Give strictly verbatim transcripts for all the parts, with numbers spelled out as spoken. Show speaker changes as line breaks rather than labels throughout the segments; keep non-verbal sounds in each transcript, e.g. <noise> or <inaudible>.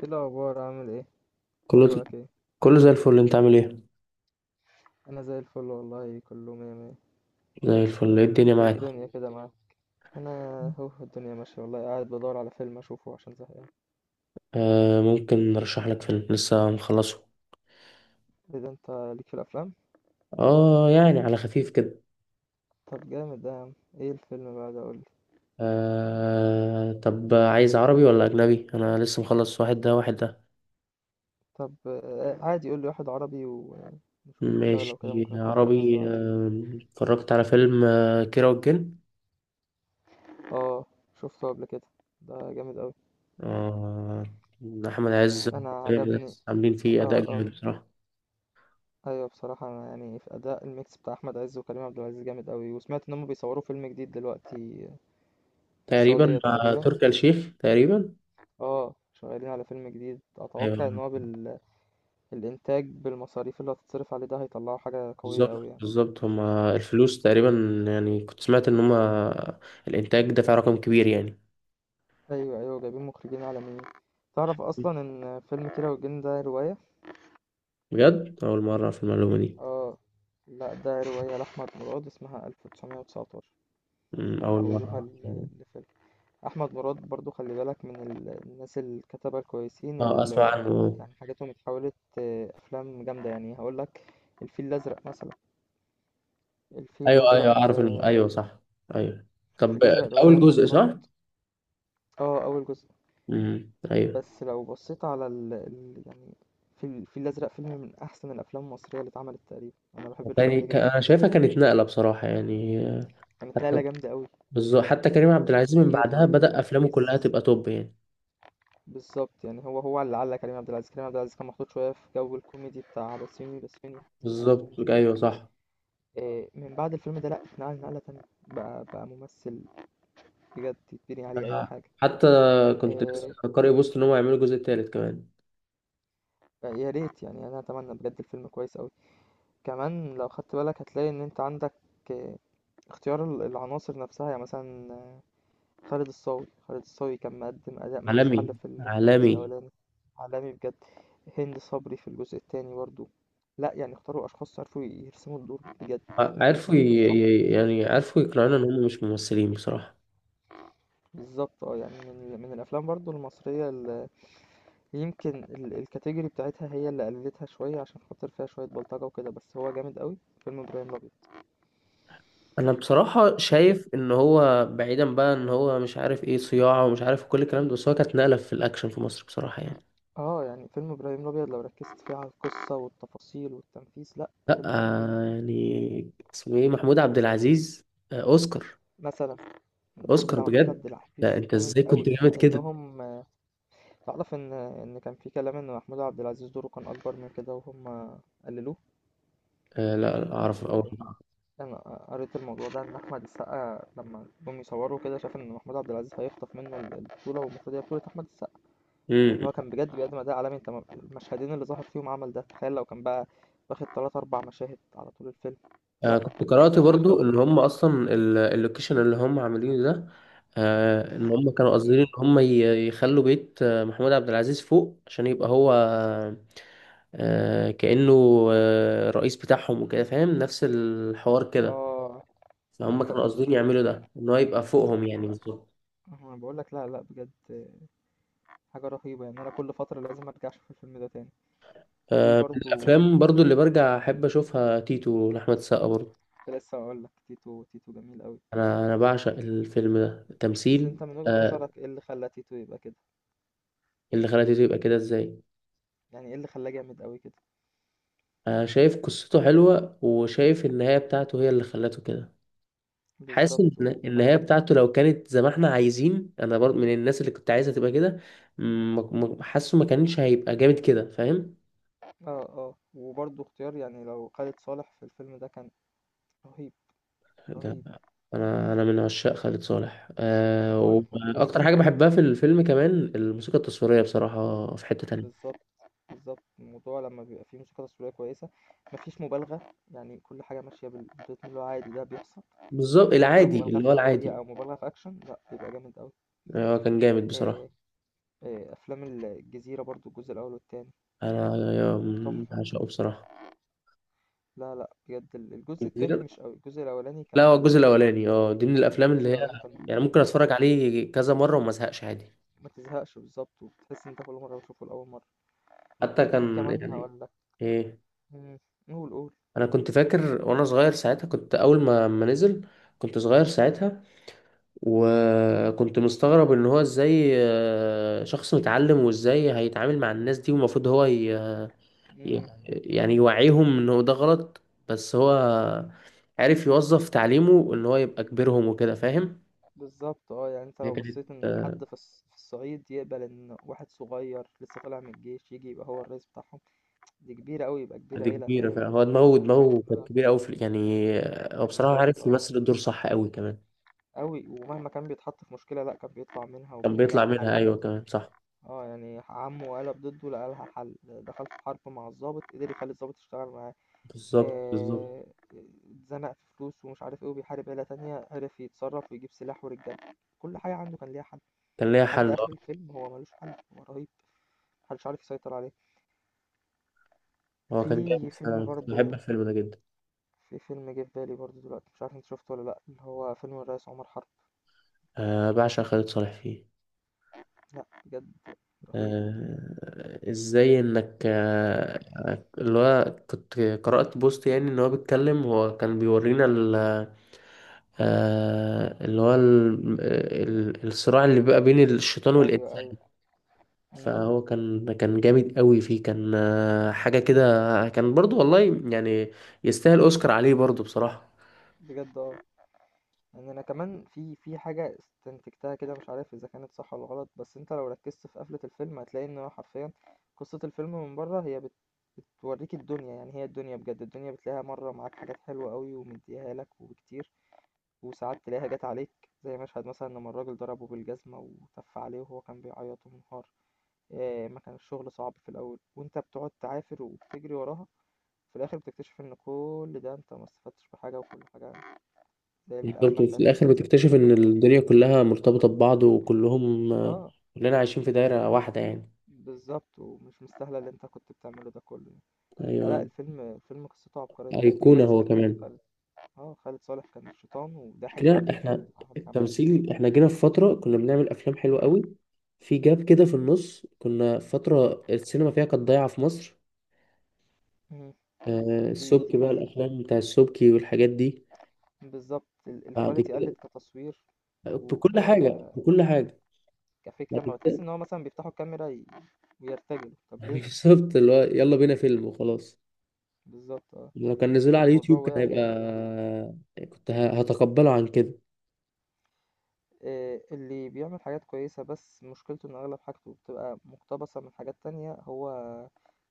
ايه الاخبار عامل ايه؟
كله.
اخبارك ايه؟
كله زي الفل، انت عامل ايه؟
انا زي الفل والله، كله مية مية.
زي الفل، ايه الدنيا
ايه
معاك؟
الدنيا كده معاك؟ انا اهو الدنيا ماشيه والله، قاعد بدور على فيلم اشوفه عشان زهقان.
آه، ممكن نرشح لك فيلم، لسه مخلصه.
ايه ده، انت ليك في الافلام؟
اه يعني على خفيف كده.
طب جامد ده يا عم، ايه الفيلم بقى ده قولي.
آه، طب عايز عربي ولا اجنبي؟ انا لسه مخلص واحد ده واحد ده.
طب آه، عادي قولي واحد عربي ونشوف كده، ولو كده
ماشي.
ممكن ادخل في الاجنبي
عربي.
بعد.
آه، اتفرجت على فيلم آه كيرة والجن.
اه شفته قبل كده، ده جامد قوي،
آه احمد عز
انا عجبني.
عاملين
اه
فيه اداء جامد
اه.
بصراحه.
ايوه بصراحه، انا يعني في اداء الميكس بتاع احمد عز وكريم عبد العزيز جامد قوي، وسمعت ان هم بيصوروا فيلم جديد دلوقتي في
تقريبا
السعودية
مع
تقريبا.
تركي آل الشيخ تقريبا.
اه شغالين على فيلم جديد، اتوقع ان
ايوه،
هو بال... الانتاج بالمصاريف اللي هتتصرف عليه ده هيطلعوا حاجة قوية قوي
بالظبط
يعني.
بالظبط هما الفلوس تقريبا. يعني كنت سمعت ان هما الانتاج دفع رقم كبير يعني.
ايوه ايوه جايبين مخرجين عالميين. تعرف اصلا ان فيلم كيرة والجن ده رواية؟
بجد، اول مره في المعلومه دي.
اه لا، ده رواية لأحمد مراد اسمها ألف وتسعمية وتسعتاشر،
أمم، اول
حولوها
مره.
ل- لفيلم. أحمد مراد برضو خلي بالك من ال- الناس الكتبة الكويسين
اه، اسمع
اللي
عنه.
يعني حاجاتهم اتحولت آه، أفلام جامدة، يعني هقولك الفيل الأزرق مثلا. الفيل
ايوه،
الأزرق
ايوه، اعرف الم...
آه،
ايوه صح، ايوه. طب،
الفيل الأزرق رواية
اول
لأحمد
جزء
مراد.
صح؟
اه أول جزء.
امم ايوه.
بس لو بصيت على ال... ال... يعني في الفيل الأزرق، فيلم من أحسن الأفلام المصرية اللي اتعملت تقريبا، أنا بحب الفيلم
يعني
ده
ك-
جدا.
انا شايفها كانت نقله بصراحه يعني.
كانت نقلة
حتى.
جامدة أوي،
بالظبط، حتى كريم عبد العزيز من
تفكير
بعدها بدأ افلامه
وتنفيذ.
كلها تبقى توب يعني.
بالظبط يعني هو هو اللي علق كريم عبد العزيز. كريم عبد العزيز كان محطوط شوية في جو الكوميدي بتاع بسيوني بسيوني حازم حازم
بالظبط،
ومش عارف
ايوه
ايه.
صح.
إيه، من بعد الفيلم ده لأ، اتنقل نقلة تانية، بقى بقى ممثل بجد يتبني عليه أي
آه،
حاجة.
حتى كنت لسه
إيه،
قارئ بوست ان هم يعملوا الجزء الثالث كمان.
بقى يا ريت يعني، أنا أتمنى بجد الفيلم كويس أوي. كمان لو خدت بالك هتلاقي ان انت عندك آه، اختيار ال- العناصر نفسها، يعني مثلا آه، خالد الصاوي. خالد الصاوي كان مقدم اداء ملوش
عالمي،
حل في ال- في الجزء
عالمي.
الاولاني. عالمي بجد. هند صبري في الجزء التاني برضو، لا يعني اختاروا اشخاص عرفوا يرسموا الدور بجد،
آه،
عرفوا
عرفوا
يرسموا
ي...
الدور صح.
ي- يعني عرفوا يقنعونا ان هم مش ممثلين بصراحة.
بالظبط اه، يعني من ال- من الافلام برضو المصريه اللي يمكن ال- الكاتيجوري بتاعتها هي اللي قللتها شويه عشان خاطر فيها شويه بلطجه وكده، بس هو جامد قوي، فيلم ابراهيم الابيض.
انا بصراحة شايف ان هو، بعيدا بقى ان هو مش عارف ايه صياعة ومش عارف كل الكلام ده، بس هو كانت نقلة في الاكشن في مصر بصراحة يعني.
اه يعني فيلم ابراهيم الابيض لو ركزت فيه على القصه والتفاصيل والتنفيذ، لا
لا،
فيلم رهيب،
آه،
رهيب.
يعني اسمه ايه؟ محمود عبد العزيز. آه، اوسكار.
مثلا الدور
اوسكار
بتاع محمود عبد
بجد. لا
العزيز
انت
جامد
ازاي كنت
قوي،
جامد
مع
كده؟
انهم آه، تعرف ان ان كان في كلام ان محمود عبد العزيز دوره كان اكبر من كده وهم قللوه.
آه، لا لا، اعرف اول.
لان انا قريت الموضوع ده، ان احمد السقا لما جم يصوروا كده شاف ان محمود عبد العزيز هيخطف منه البطوله، والمفروض هي بطوله احمد السقا، لان هو كان بجد بيقدم اداء عالمي. انت م- المشهدين اللي ظهر فيهم عمل ده، تخيل لو كان بقى واخد تلات اربع مشاهد على طول الفيلم،
آه
لا كان
كنت قرأت
كان
برضو
هيخطف
إن
ال-
هم أصلا ال- اللوكيشن اللي هم عاملينه ده. آه إن هم كانوا قاصدين إن
مم.
هم ي- يخلوا بيت آه، محمود عبد العزيز فوق عشان يبقى هو. آه كأنه آه رئيس بتاعهم وكده، فاهم؟ نفس الحوار كده.
اه. مم.
فهم كانوا
مم.
قاصدين يعملوا ده، إن هو يبقى فوقهم، يعني
لا
بالظبط.
انا بقول لك، لا لا بجد حاجه رهيبه، يعني انا كل فتره لازم ارجع اشوف الفيلم ده تاني. في
آه من
برضو،
الأفلام برضو اللي برجع أحب أشوفها، تيتو لأحمد السقا برضو.
كنت لسه اقول لك تيتو، تيتو جميل قوي.
أنا أنا بعشق الفيلم ده
بس
التمثيل.
انت من وجهة
آه
نظرك ايه اللي خلى تيتو يبقى كده؟
اللي خلى تيتو يبقى كده إزاي؟
يعني ايه اللي خلاه جامد قوي كده؟
انا شايف قصته حلوة، وشايف النهاية بتاعته هي اللي خلته كده. حاسس ان
بالظبط
النهاية
وكمان.
بتاعته لو كانت زي ما احنا عايزين، انا برضه من الناس اللي كنت عايزها تبقى كده. م- م- حاسه ما كانش هيبقى جامد كده، فاهم؟
اه اه، وبرضو اختيار، يعني لو خالد صالح في الفيلم ده كان رهيب،
ده
رهيب.
انا انا من عشاق خالد صالح، أه
هو أنا باحبه
واكتر
جدًا،
حاجة بحبها في الفيلم كمان الموسيقى التصويرية بصراحة في حتة تانية.
بالضبط، بالضبط. الموضوع لمّا بيبقى فيه موسيقى تصويرية كويسة، ما فيش مُبالغة، يعني كل حاجة ماشية بال بالريتم اللي هو عادي ده بيحصل،
بالظبط،
ما فيش بقى
العادي
مُبالغة
اللي
في
هو
كوميديا
العادي.
أو مُبالغة في أكشن، لأ بيبقى جامد أوي.
آه، كان جامد بصراحة.
آآ، آآ أفلام ال الجزيرة برضه، الجزء الأول والتاني
انا أنا
تحفة.
عشقه بصراحة.
لا، لأ بجد ال الجزء التاني مش أوي، الجزء الأولاني
لا، هو
كان،
الجزء الاولاني اه دي من الافلام اللي
الجزء
هي
الأولاني كان
يعني
كان
ممكن
رهيب.
اتفرج عليه كذا مره وما ازهقش عادي.
ما تزهقش بالضبط، وبتحس إن أنت كل مرة بتشوفه لأول مرة.
حتى
في
كان
كمان
يعني.
هاقول لك،
ايه؟
إمم، قُل، قُل.
انا كنت فاكر وانا صغير ساعتها، كنت اول ما ما نزل كنت صغير ساعتها، وكنت مستغرب ان هو ازاي، آه، شخص متعلم وازاي هيتعامل مع الناس دي، والمفروض هو ي... ي-
إمم.
يعني يوعيهم انه ده غلط. بس هو عارف يوظف تعليمه ان هو يبقى كبيرهم وكده، فاهم؟
بالظبط اه، يعني انت
هي
لو
كانت
بصيت ان
آه،
حد في الص- في الصعيد يقبل ان واحد صغير لسه طالع من الجيش يجي يبقى هو الرئيس بتاعهم، دي كبيرة قوي، يبقى كبير
دي
عيلة
كبيرة
فاهم.
فعلا، هو دماغه دماغه كانت
آه.
كبيرة أوي في يعني. هو بصراحة
بالظبط
عارف
اه،
يمثل الدور صح أوي كمان.
قوي ومهما كان بيتحط في مشكلة لا كان بيطلع منها
كان
وبيلاقي
بيطلع
لها
منها،
حل.
أيوة كمان صح.
اه يعني عمه قلب ضده لقى لها حل، دخل في حرب مع الضابط قدر يخلي الضابط يشتغل معاه.
بالظبط بالظبط.
آه، اتزنق في فلوس ومش عارف ايه، وبيحارب عيلة تانية عرف يتصرف ويجيب سلاح ورجاله، كل حاجة عنده كان ليها حل.
كان ليها حل،
لحد آخر
أه.
الفيلم هو مالوش حل، هو رهيب، محدش عارف يسيطر عليه.
هو كان
في
جامد
فيلم
فعلا، كنت بحب
برضه،
الفيلم ده جدا.
في فيلم جه في بالي برضه دلوقتي، مش عارف انت شفته ولا لأ، اللي هو فيلم الرئيس عمر حرب.
آه بعشق خالد صالح فيه.
لأ بجد رهيب.
آه إزاي إنك آه اللي هو كنت قرأت بوست يعني إن هو بيتكلم، هو كان بيورينا ال آه اللي هو ال- آه، ال- الصراع اللي بيبقى بين الشيطان
ايوه
والإنسان.
ايوه. مم.
فهو كان كان جامد قوي فيه، كان آه، حاجة كده. كان برضو والله يعني. يستاهل أوسكار عليه برضو بصراحة.
بجد اه، يعني انا كمان في في حاجه استنتجتها كده، مش عارف اذا كانت صح ولا غلط، بس انت لو ركزت في قفله الفيلم هتلاقي ان هو حرفيا قصه الفيلم من بره هي بت... بتوريك الدنيا، يعني هي الدنيا بجد، الدنيا بتلاقيها مره معاك حاجات حلوه قوي ومديها لك وكتير، وساعات تلاقيها جات عليك. زي مشهد مثلا لما الراجل ضربه بالجزمة وتف عليه وهو كان بيعيط ومنهار. آه، ما كان الشغل صعب في الأول وأنت بتقعد تعافر وبتجري وراها، في الآخر بتكتشف إن كل ده أنت ما استفدتش بحاجة، وكل حاجة زي القفلة
برضو في
بتاعة
الآخر
الفيلم.
بتكتشف إن الدنيا كلها مرتبطة ببعض، وكلهم آه،
اه.
كلنا عايشين في دايرة واحدة يعني.
بالظبط، ومش مستاهلة اللي أنت كنت بتعمله ده كله يعني. آه، لا
أيوة،
الفيلم، الفيلم قصته عبقرية،
أيقونة
وبيمثل
هو
إن
كمان.
خالد، اه خالد صالح كان الشيطان وضحك
كده
عليك
إحنا
وعمال عمال تجري.
التمثيل، إحنا جينا في فترة كنا بنعمل أفلام حلوة قوي. في جاب كده في النص كنا في فترة السينما فيها كانت ضايعة في مصر.
مم.
آه،
دي دي
السبكي بقى،
حقيقة.
الأفلام بتاع السبكي والحاجات دي.
بالظبط، ال-
بعد
الكواليتي
كده،
قلت كتصوير، و
بكل حاجة بكل حاجة. ما
كفكرة، ما بتحس
تت-
إن هو مثلا بيفتحوا الكاميرا ي- ويرتجلوا، طب
<laughs>
ليه؟
بالظبط، اللي هو يلا بينا فيلم وخلاص.
بالظبط اه،
لو كان نزله على
الموضوع
اليوتيوب كان
وقع جامد يعني.
هيبقى كنت ه- هتقبله عن كده.
آه، اللي بيعمل حاجات كويسة بس مشكلته إن أغلب حاجته بتبقى مقتبسة من حاجات تانية، هو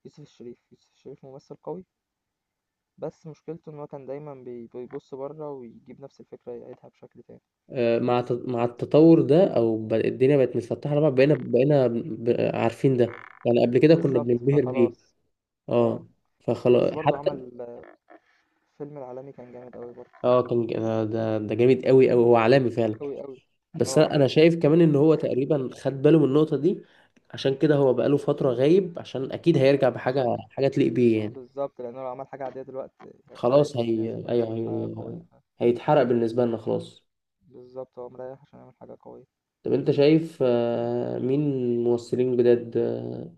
يوسف الشريف. يوسف الشريف ممثل قوي، بس مشكلته إن هو كان دايما بي- بيبص بره ويجيب نفس الفكرة يعيدها بشكل تاني.
آه، مع ت- مع التطور ده، او ب- الدنيا بقت متفتحة لبعض، بقينا بقينا ب- عارفين ده، يعني قبل كده كنا
بالظبط
بننبهر بيه.
فخلاص. اه.
اه. فخلاص
بس برضو
حتى.
عمل آه، فيلم العالمي كان جامد أوي برضو،
اه. كان ج- ده ده ده جامد قوي قوي، هو عالمي فعلا.
أوي أوي.
بس
اه
انا
بجد.
أنا شايف كمان ان هو تقريبا خد باله من النقطة دي. عشان كده هو بقاله فترة غايب عشان اكيد هيرجع بحاجة،
عشان.
حاجة تليق بيه يعني.
بالضبط، لأنه لو عمل حاجة عادية دلوقتي هي
خلاص
اتحرقت للناس،
هي،
فلازم
ايوه
يعمل حاجة
هي...
قوية. ف
هيتحرق بالنسبه لنا خلاص.
بالضبط، هو مريّح عشان يعمل حاجة قوية.
طب انت شايف آه، مين ممثلين جداد آه،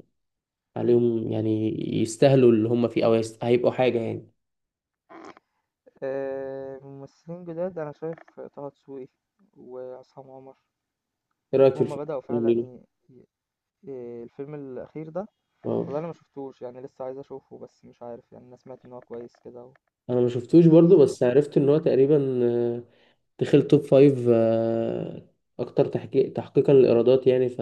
عليهم يعني، يستاهلوا اللي هم فيه او يست... هيبقوا حاجه يعني.
آآ، ممثلين جداد أنا شايف طه دسوقي وعصام عمر،
ايه رايك في
وهُم بدأوا فعلًا
الفيلم؟
ي ي إيه، الفيلم الأخير ده،
اه،
والله أنا ما شُفتوش، يعني لسه عايز أشوفه، بس مش عارف يعني، أنا سمعت إن هو كويس كده، و
انا ما شفتوش
بس مش
برضو
عارف أحضر.
بس عرفت ان هو تقريبا آه، دخل توب فايف آه، اكتر تحقيق تحقيقا للايرادات يعني ف...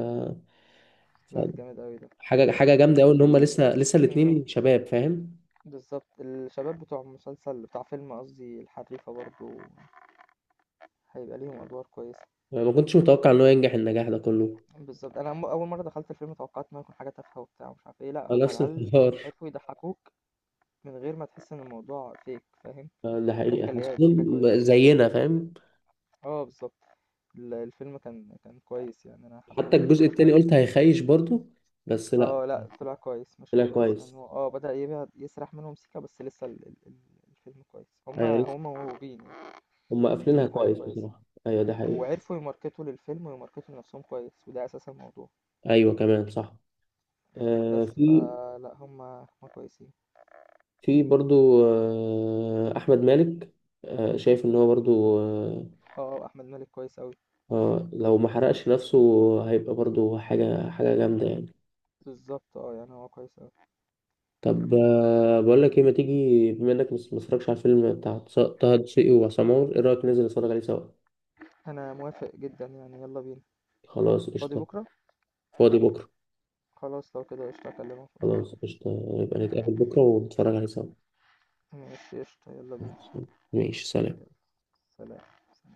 ف...
لأ جامد أوي ده.
حاجه حاجه جامده قوي ان هم
ال
لسه لسه
إمم،
الاتنين شباب، فاهم؟
بالضبط، الشباب بتوع مسلسل، بتاع فيلم قصدي الحريفة برضه هيبقى ليهم أدوار كويسة.
ما كنتش متوقع ان هو ينجح النجاح ده كله.
بالضبط. أنا م أول مرّة دخلت الفيلم توقّعت إن هو هيكون حاجة تافهة وبتاع ومش عارف إيه، لأ
آه،
هم
نفس
العيال
الحوار.
عرفوا يضحّكوك من غير ما تحس إن الموضوع fake فاهم،
آه، ده حقيقي
الضحكة اللي هي ضحكة
حاسسهم
كويسة،
زينا،
فدي
فاهم؟
آه بالضبط. ال الفيلم كان كان كويس يعني أنا
حتى
حبيته
الجزء
بصراحة.
التاني قلت هيخيش برضو، بس لا،
آه لأ طلع كويس، ماشي
طلع
كويس، يعني
كويس.
هو آه بدأ يبعد يسرح منهم سيكة، بس لسه ال ال ال الفيلم كويس. هم
ايوه لسه.
هم موهوبين يعني،
هم
دي
قافلينها
دي حاجة
كويس
كويسة.
بصراحة، ايوه ده حقيقي.
وعرفوا يماركتوا للفيلم ويماركتوا لنفسهم كويس، وده أساس الموضوع.
ايوه كمان صح. آه
بس
في
فلأ هم هم كويسين.
في برضو آه احمد مالك. آه شايف ان هو برضو آه
آه، آه، أحمد مالك كويس أوي.
آه لو ما حرقش نفسه هيبقى برضو حاجة حاجة جامدة يعني.
بالضبط آه، يعني هو كويس أوي.
طب آه بقول لك ايه، ما تيجي بما انك مس- ما اتفرجتش على الفيلم بتاع طه دسوقي وعصام عمر، ايه رأيك ننزل نتفرج عليه سوا؟
أنا موافق جدًا يعني، يلا بينا.
خلاص
فاضي
قشطة.
بكرة؟
فاضي بكرة؟
خلاص لو كده قشطة، أكلمك ونروح.
خلاص قشطة، يبقى نتقابل بكرة ونتفرج عليه سوا.
ماشي قشطة، يلا بينا،
ماشي، سلام.
يلا، سلام.